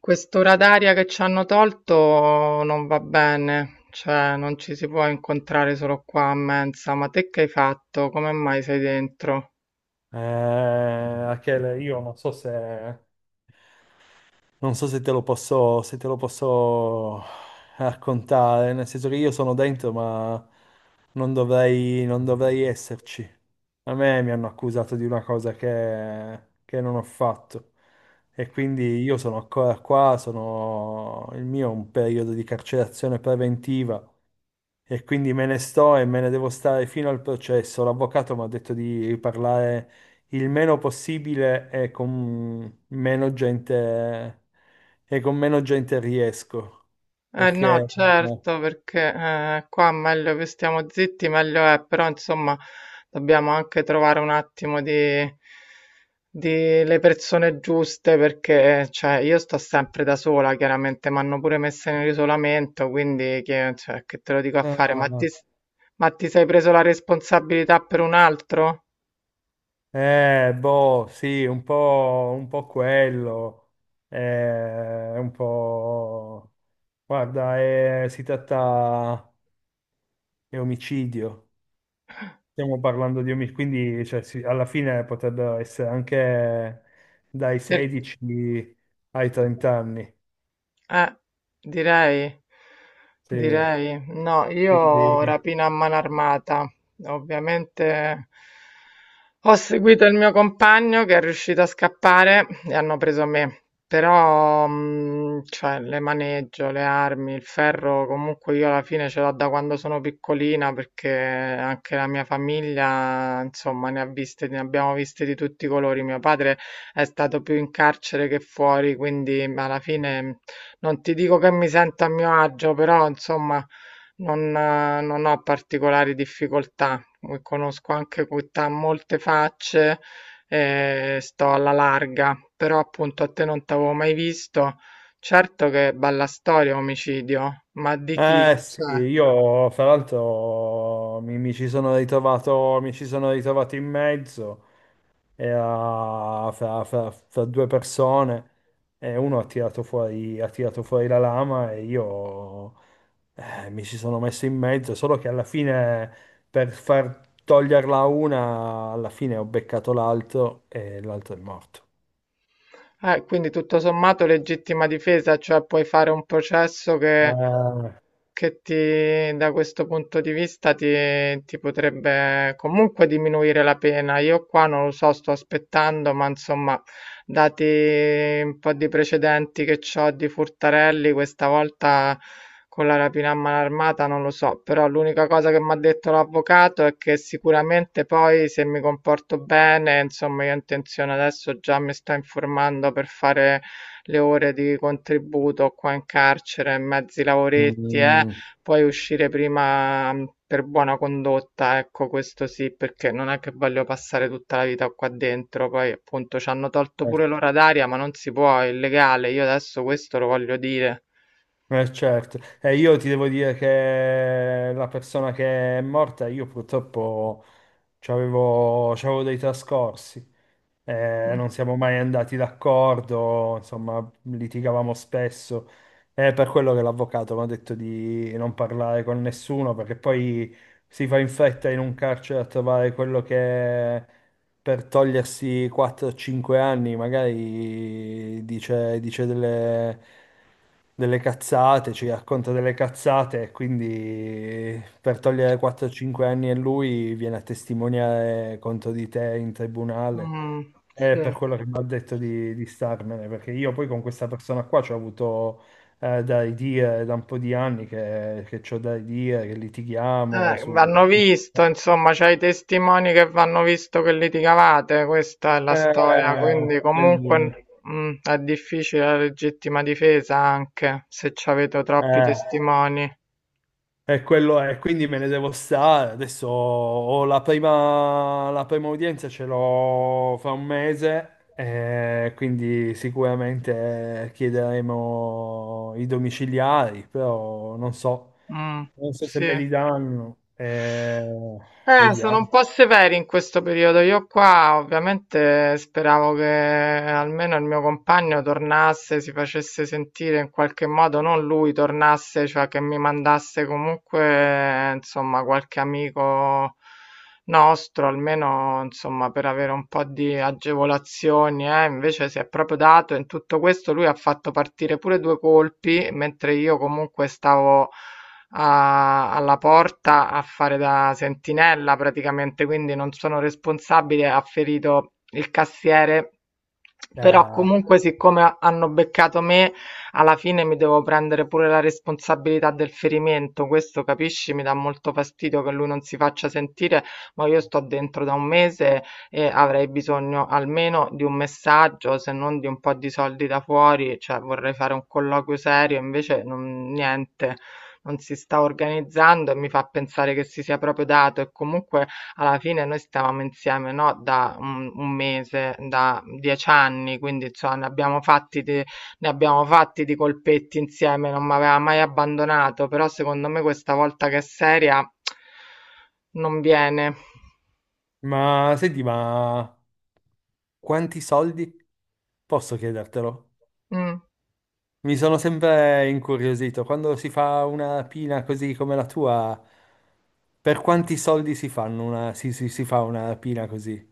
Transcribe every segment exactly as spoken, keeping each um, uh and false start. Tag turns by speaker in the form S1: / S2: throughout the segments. S1: Quest'ora d'aria che ci hanno tolto non va bene, cioè non ci si può incontrare solo qua a mensa. Ma te che hai fatto? Come mai sei dentro?
S2: Eh, Achele, io non so se, non so se te lo posso, se te lo posso raccontare, nel senso che io sono dentro, ma non dovrei, non dovrei esserci. A me mi hanno accusato di una cosa che, che non ho fatto, e quindi io sono ancora qua, sono, il mio è un periodo di carcerazione preventiva, e quindi me ne sto e me ne devo stare fino al processo. L'avvocato mi ha detto di parlare il meno possibile e con meno gente, e con meno gente riesco.
S1: Eh no,
S2: Perché... no.
S1: certo, perché eh, qua meglio che stiamo zitti, meglio è, però insomma dobbiamo anche trovare un attimo di, di le persone giuste, perché cioè, io sto sempre da sola, chiaramente, mi hanno pure messa in isolamento, quindi che, cioè, che te lo dico a fare?
S2: Ah,
S1: Ma ti,
S2: no.
S1: ma ti sei preso la responsabilità per un altro?
S2: Eh, boh, sì, un po', un po' quello. Eh, un po'... Guarda, è- si tratta... è omicidio. Stiamo parlando di omicidi, quindi cioè, sì, alla fine potrebbero essere anche dai
S1: Per-
S2: sedici ai trenta anni.
S1: Eh, direi,
S2: Sì.
S1: direi. No, io
S2: Quindi,
S1: rapina a mano armata. Ovviamente ho seguito il mio compagno che è riuscito a scappare e hanno preso me. Però, mh, cioè, le maneggio, le armi, il ferro, comunque io alla fine ce l'ho da quando sono piccolina perché anche la mia famiglia, insomma, ne ha viste, ne abbiamo viste di tutti i colori. Mio padre è stato più in carcere che fuori, quindi alla fine non ti dico che mi sento a mio agio, però insomma non, eh, non ho particolari difficoltà. Eh, Conosco anche qui ta- molte facce e sto alla larga, però appunto a te non t'avevo mai visto. Certo che bella storia omicidio, ma di chi?
S2: eh sì,
S1: Cioè.
S2: io fra l'altro mi, mi ci sono ritrovato, mi ci sono ritrovato in mezzo e a- fra, fra- fra due persone, e uno ha tirato fuori, ha tirato fuori la lama e io eh, mi ci sono messo in mezzo, solo che alla fine, per far toglierla a una, alla fine ho beccato l'altro e l'altro è morto.
S1: Eh, quindi tutto sommato legittima difesa, cioè puoi fare un processo che,
S2: Ah.
S1: che ti, da questo punto di vista ti, ti potrebbe comunque diminuire la pena. Io qua non lo so, sto aspettando, ma insomma, dati un po' di precedenti che ho di furtarelli, questa volta con la rapina a mano armata non lo so, però l'unica cosa che mi ha detto l'avvocato è che sicuramente poi se mi comporto bene, insomma, io ho intenzione adesso già mi sto informando per fare le ore di contributo qua in carcere, mezzi lavoretti, eh,
S2: Mm.
S1: poi uscire prima mh, per buona condotta, ecco, questo sì, perché non è che voglio passare tutta la vita qua dentro, poi appunto ci hanno tolto pure l'ora d'aria, ma non si può, è illegale, io adesso questo lo voglio dire.
S2: Eh, certo, e io ti devo dire che la persona che è morta, io purtroppo c'avevo c'avevo dei trascorsi. Eh, non siamo mai andati d'accordo, insomma, litigavamo spesso. È per quello che l'avvocato mi ha detto di non parlare con nessuno, perché poi si fa in fretta in un carcere a trovare quello che per togliersi quattro cinque anni, magari dice, dice delle, delle cazzate, ci racconta delle cazzate, e quindi per togliere quattro cinque anni a lui viene a testimoniare contro di te in tribunale.
S1: Mh,
S2: È
S1: sì.
S2: per quello che mi ha detto di, di starmene, perché io poi con questa persona qua ci ho avuto eh, da ridire da un po' di anni, che, che c'ho da ridire, che litighiamo
S1: Eh,
S2: su...
S1: vanno visto, insomma, c'hai i testimoni che vanno visto che litigavate, questa è la storia,
S2: Eh,
S1: quindi
S2: quindi-
S1: comunque mh, è difficile la legittima difesa anche se c'avete troppi
S2: Eh,
S1: testimoni.
S2: e quello è, quindi me ne devo stare. Adesso ho la prima, la prima udienza, ce l'ho fra un mese, eh, quindi sicuramente chiederemo i domiciliari, però non so,
S1: Mh,
S2: non so se
S1: sì.
S2: me li danno. Eh,
S1: Eh, sono un
S2: vediamo.
S1: po' severi in questo periodo. Io qua ovviamente speravo che almeno il mio compagno tornasse, si facesse sentire in qualche modo, non lui tornasse, cioè che mi mandasse comunque, insomma, qualche amico nostro, almeno, insomma, per avere un po' di agevolazioni, eh. Invece si è proprio dato in tutto questo, lui ha fatto partire pure due colpi, mentre io comunque stavo a alla porta a fare da sentinella praticamente, quindi non sono responsabile, ha ferito il cassiere. Però
S2: Eh,
S1: comunque, siccome hanno beccato me, alla fine mi devo prendere pure la responsabilità del ferimento. Questo, capisci, mi dà molto fastidio che lui non si faccia sentire, ma io sto dentro da un mese e avrei bisogno almeno di un messaggio, se non di un po' di soldi da fuori, cioè vorrei fare un colloquio serio, invece non, niente non si sta organizzando e mi fa pensare che si sia proprio dato e comunque alla fine noi stavamo insieme, no? Da un, un mese, da dieci anni, quindi insomma ne abbiamo fatti di, ne abbiamo fatti di colpetti insieme, non mi aveva mai abbandonato, però secondo me questa volta che è seria non viene.
S2: ma senti, ma quanti soldi? Posso chiedertelo?
S1: Mm.
S2: Mi sono sempre incuriosito. Quando si fa una pina così come la tua, per quanti soldi si fanno una, si, si- si fa una pina così?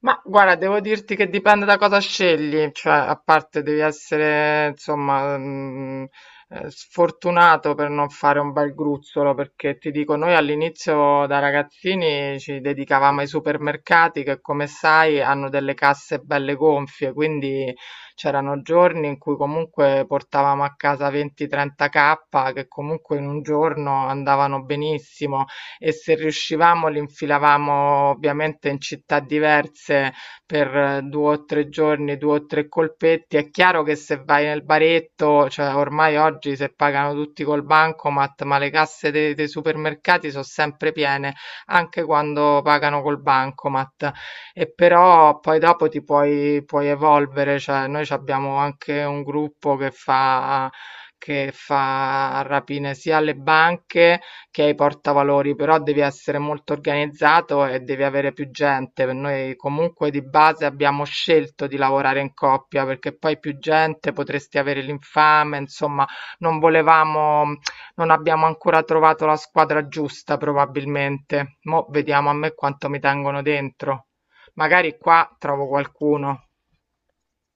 S1: Ma guarda, devo dirti che dipende da cosa scegli, cioè a parte devi essere insomma mh, eh, sfortunato per non fare un bel gruzzolo, perché ti dico, noi all'inizio da ragazzini ci dedicavamo ai supermercati che come sai hanno delle casse belle gonfie, quindi c'erano giorni in cui comunque portavamo a casa venti-trenta k che comunque in un giorno andavano benissimo e se riuscivamo li infilavamo ovviamente in città diverse per eh, due o tre giorni, due o tre colpetti. È chiaro che se vai nel baretto, cioè ormai oggi se pagano tutti col bancomat, ma le casse dei, dei supermercati sono sempre piene, anche quando pagano col bancomat. E però poi dopo ti puoi, puoi evolvere, cioè noi ci abbiamo anche un gruppo che fa che fa rapine sia alle banche che hai portavalori, però devi essere molto organizzato e devi avere più gente. Per noi comunque di base abbiamo scelto di lavorare in coppia perché poi più gente potresti avere l'infame, insomma, non volevamo, non abbiamo ancora trovato la squadra giusta probabilmente. Mo' vediamo a me quanto mi tengono dentro. Magari qua trovo qualcuno.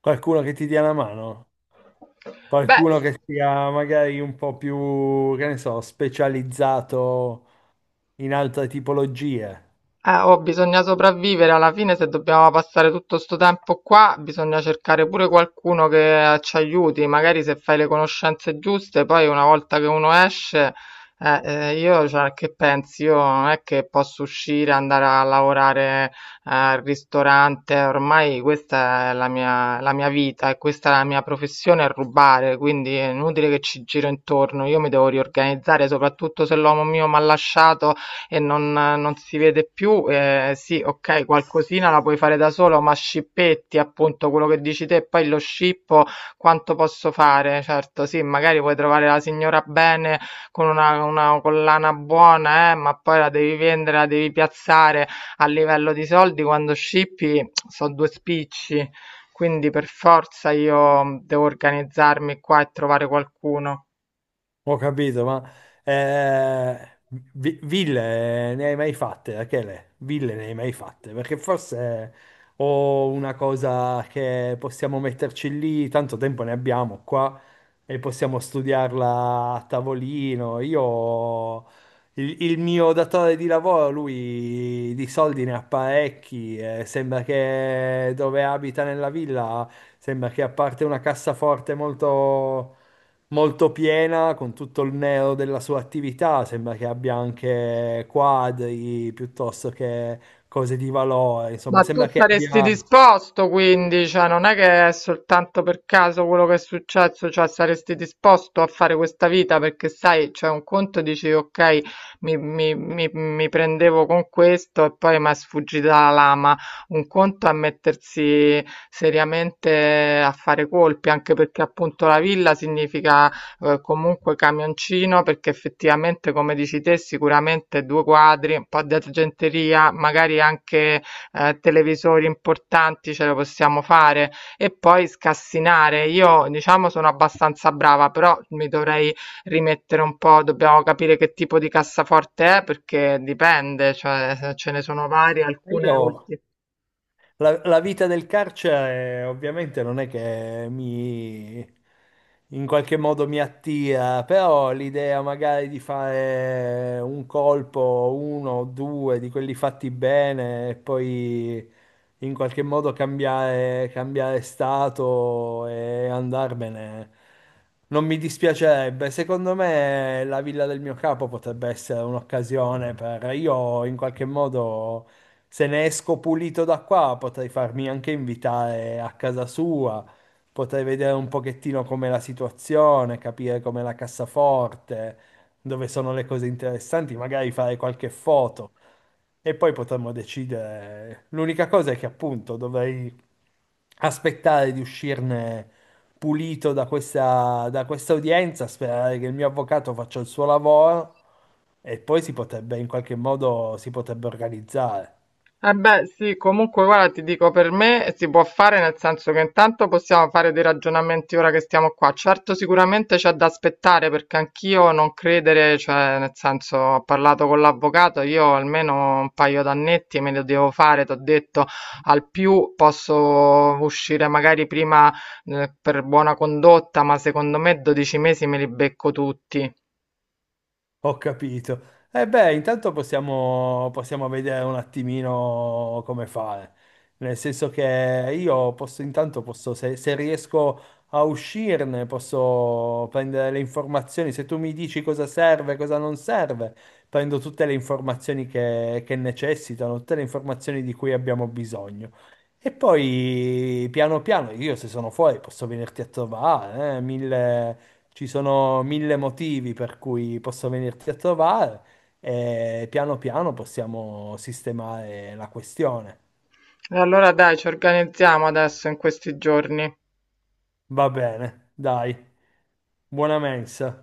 S2: Qualcuno che ti dia una mano?
S1: Beh,
S2: Qualcuno che sia magari un po' più, che ne so, specializzato in altre tipologie?
S1: Eh, oh, bisogna sopravvivere alla fine, se dobbiamo passare tutto sto tempo qua, bisogna cercare pure qualcuno che eh, ci aiuti, magari se fai le conoscenze giuste, poi una volta che uno esce, eh, eh, io, cioè, che pensi? Io non è che posso uscire, andare a lavorare eh, al ristorante, ormai questa è la mia, la mia vita e questa è la mia professione, è rubare, quindi è inutile che ci giro intorno, io mi devo riorganizzare, soprattutto se l'uomo mio mi ha lasciato e non, non si vede più. Eh, sì, ok, qualcosina la puoi fare da solo, ma scippetti, appunto, quello che dici te, e poi lo scippo, quanto posso fare? Certo, sì, magari puoi trovare la signora bene con una, una collana buona, eh, ma poi la devi vendere, la devi piazzare a livello di soldi quando scippi, sono due spicci. Quindi per forza io devo organizzarmi qua e trovare qualcuno.
S2: Ho capito, ma eh, vi- ville ne hai mai fatte, Rachele? Ville ne hai mai fatte? Perché forse ho una cosa che possiamo metterci lì, tanto tempo ne abbiamo qua e possiamo studiarla a tavolino. Io, il, il mio datore di lavoro, lui di soldi ne ha parecchi, eh, sembra che dove abita nella villa, sembra che a parte una cassaforte molto molto piena con tutto il neo della sua attività, sembra che abbia anche quadri piuttosto che cose di valore,
S1: Ma
S2: insomma,
S1: tu
S2: sembra che
S1: saresti
S2: abbia...
S1: disposto quindi, cioè non è che è soltanto per caso quello che è successo, cioè saresti disposto a fare questa vita perché sai, c'è un conto dici ok, mi, mi- mi- mi prendevo con questo e poi mi è sfuggita la lama, un conto è mettersi seriamente a fare colpi, anche perché appunto la villa significa eh, comunque camioncino perché effettivamente come dici te sicuramente due quadri, un po' di argenteria, magari anche ehm, televisori importanti ce lo possiamo fare e poi scassinare. Io diciamo sono abbastanza brava, però mi dovrei rimettere un po', dobbiamo capire che tipo di cassaforte è perché dipende, cioè ce ne sono varie, alcune
S2: Io...
S1: ultime.
S2: La, la vita del carcere eh, ovviamente non è che mi in qualche modo mi attira, però l'idea magari di fare un colpo, uno o due di quelli fatti bene e poi in qualche modo cambiare, cambiare stato e andarmene, non mi dispiacerebbe. Secondo me la villa del mio capo potrebbe essere un'occasione per io in qualche modo. Se ne esco pulito da qua, potrei farmi anche invitare a casa sua, potrei vedere un pochettino com'è la situazione, capire com'è la cassaforte, dove sono le cose interessanti, magari fare qualche foto e poi potremmo decidere. L'unica cosa è che appunto dovrei aspettare di uscirne pulito da questa, da questa udienza, sperare che il mio avvocato faccia il suo lavoro e poi si potrebbe in qualche modo si potrebbe organizzare.
S1: Eh beh, sì, comunque guarda, ti dico, per me si può fare nel senso che intanto possiamo fare dei ragionamenti ora che stiamo qua. Certo, sicuramente c'è da aspettare perché anch'io non credere, cioè nel senso ho parlato con l'avvocato, io almeno un paio d'annetti me li devo fare, ti ho detto, al più posso uscire magari prima eh, per buona condotta, ma secondo me dodici mesi me li becco tutti.
S2: Ho capito. E beh, intanto possiamo, possiamo vedere un attimino come fare. Nel senso che io posso, intanto posso, se, se riesco a uscirne, posso prendere le informazioni. Se tu mi dici cosa serve, cosa non serve, prendo tutte le informazioni che, che necessitano, tutte le informazioni di cui abbiamo bisogno. E poi, piano piano, io se sono fuori posso venirti a trovare, eh, mille ci sono mille motivi per cui posso venirti a trovare e piano piano possiamo sistemare la questione.
S1: E allora dai, ci organizziamo adesso in questi giorni.
S2: Va bene, dai, buona mensa.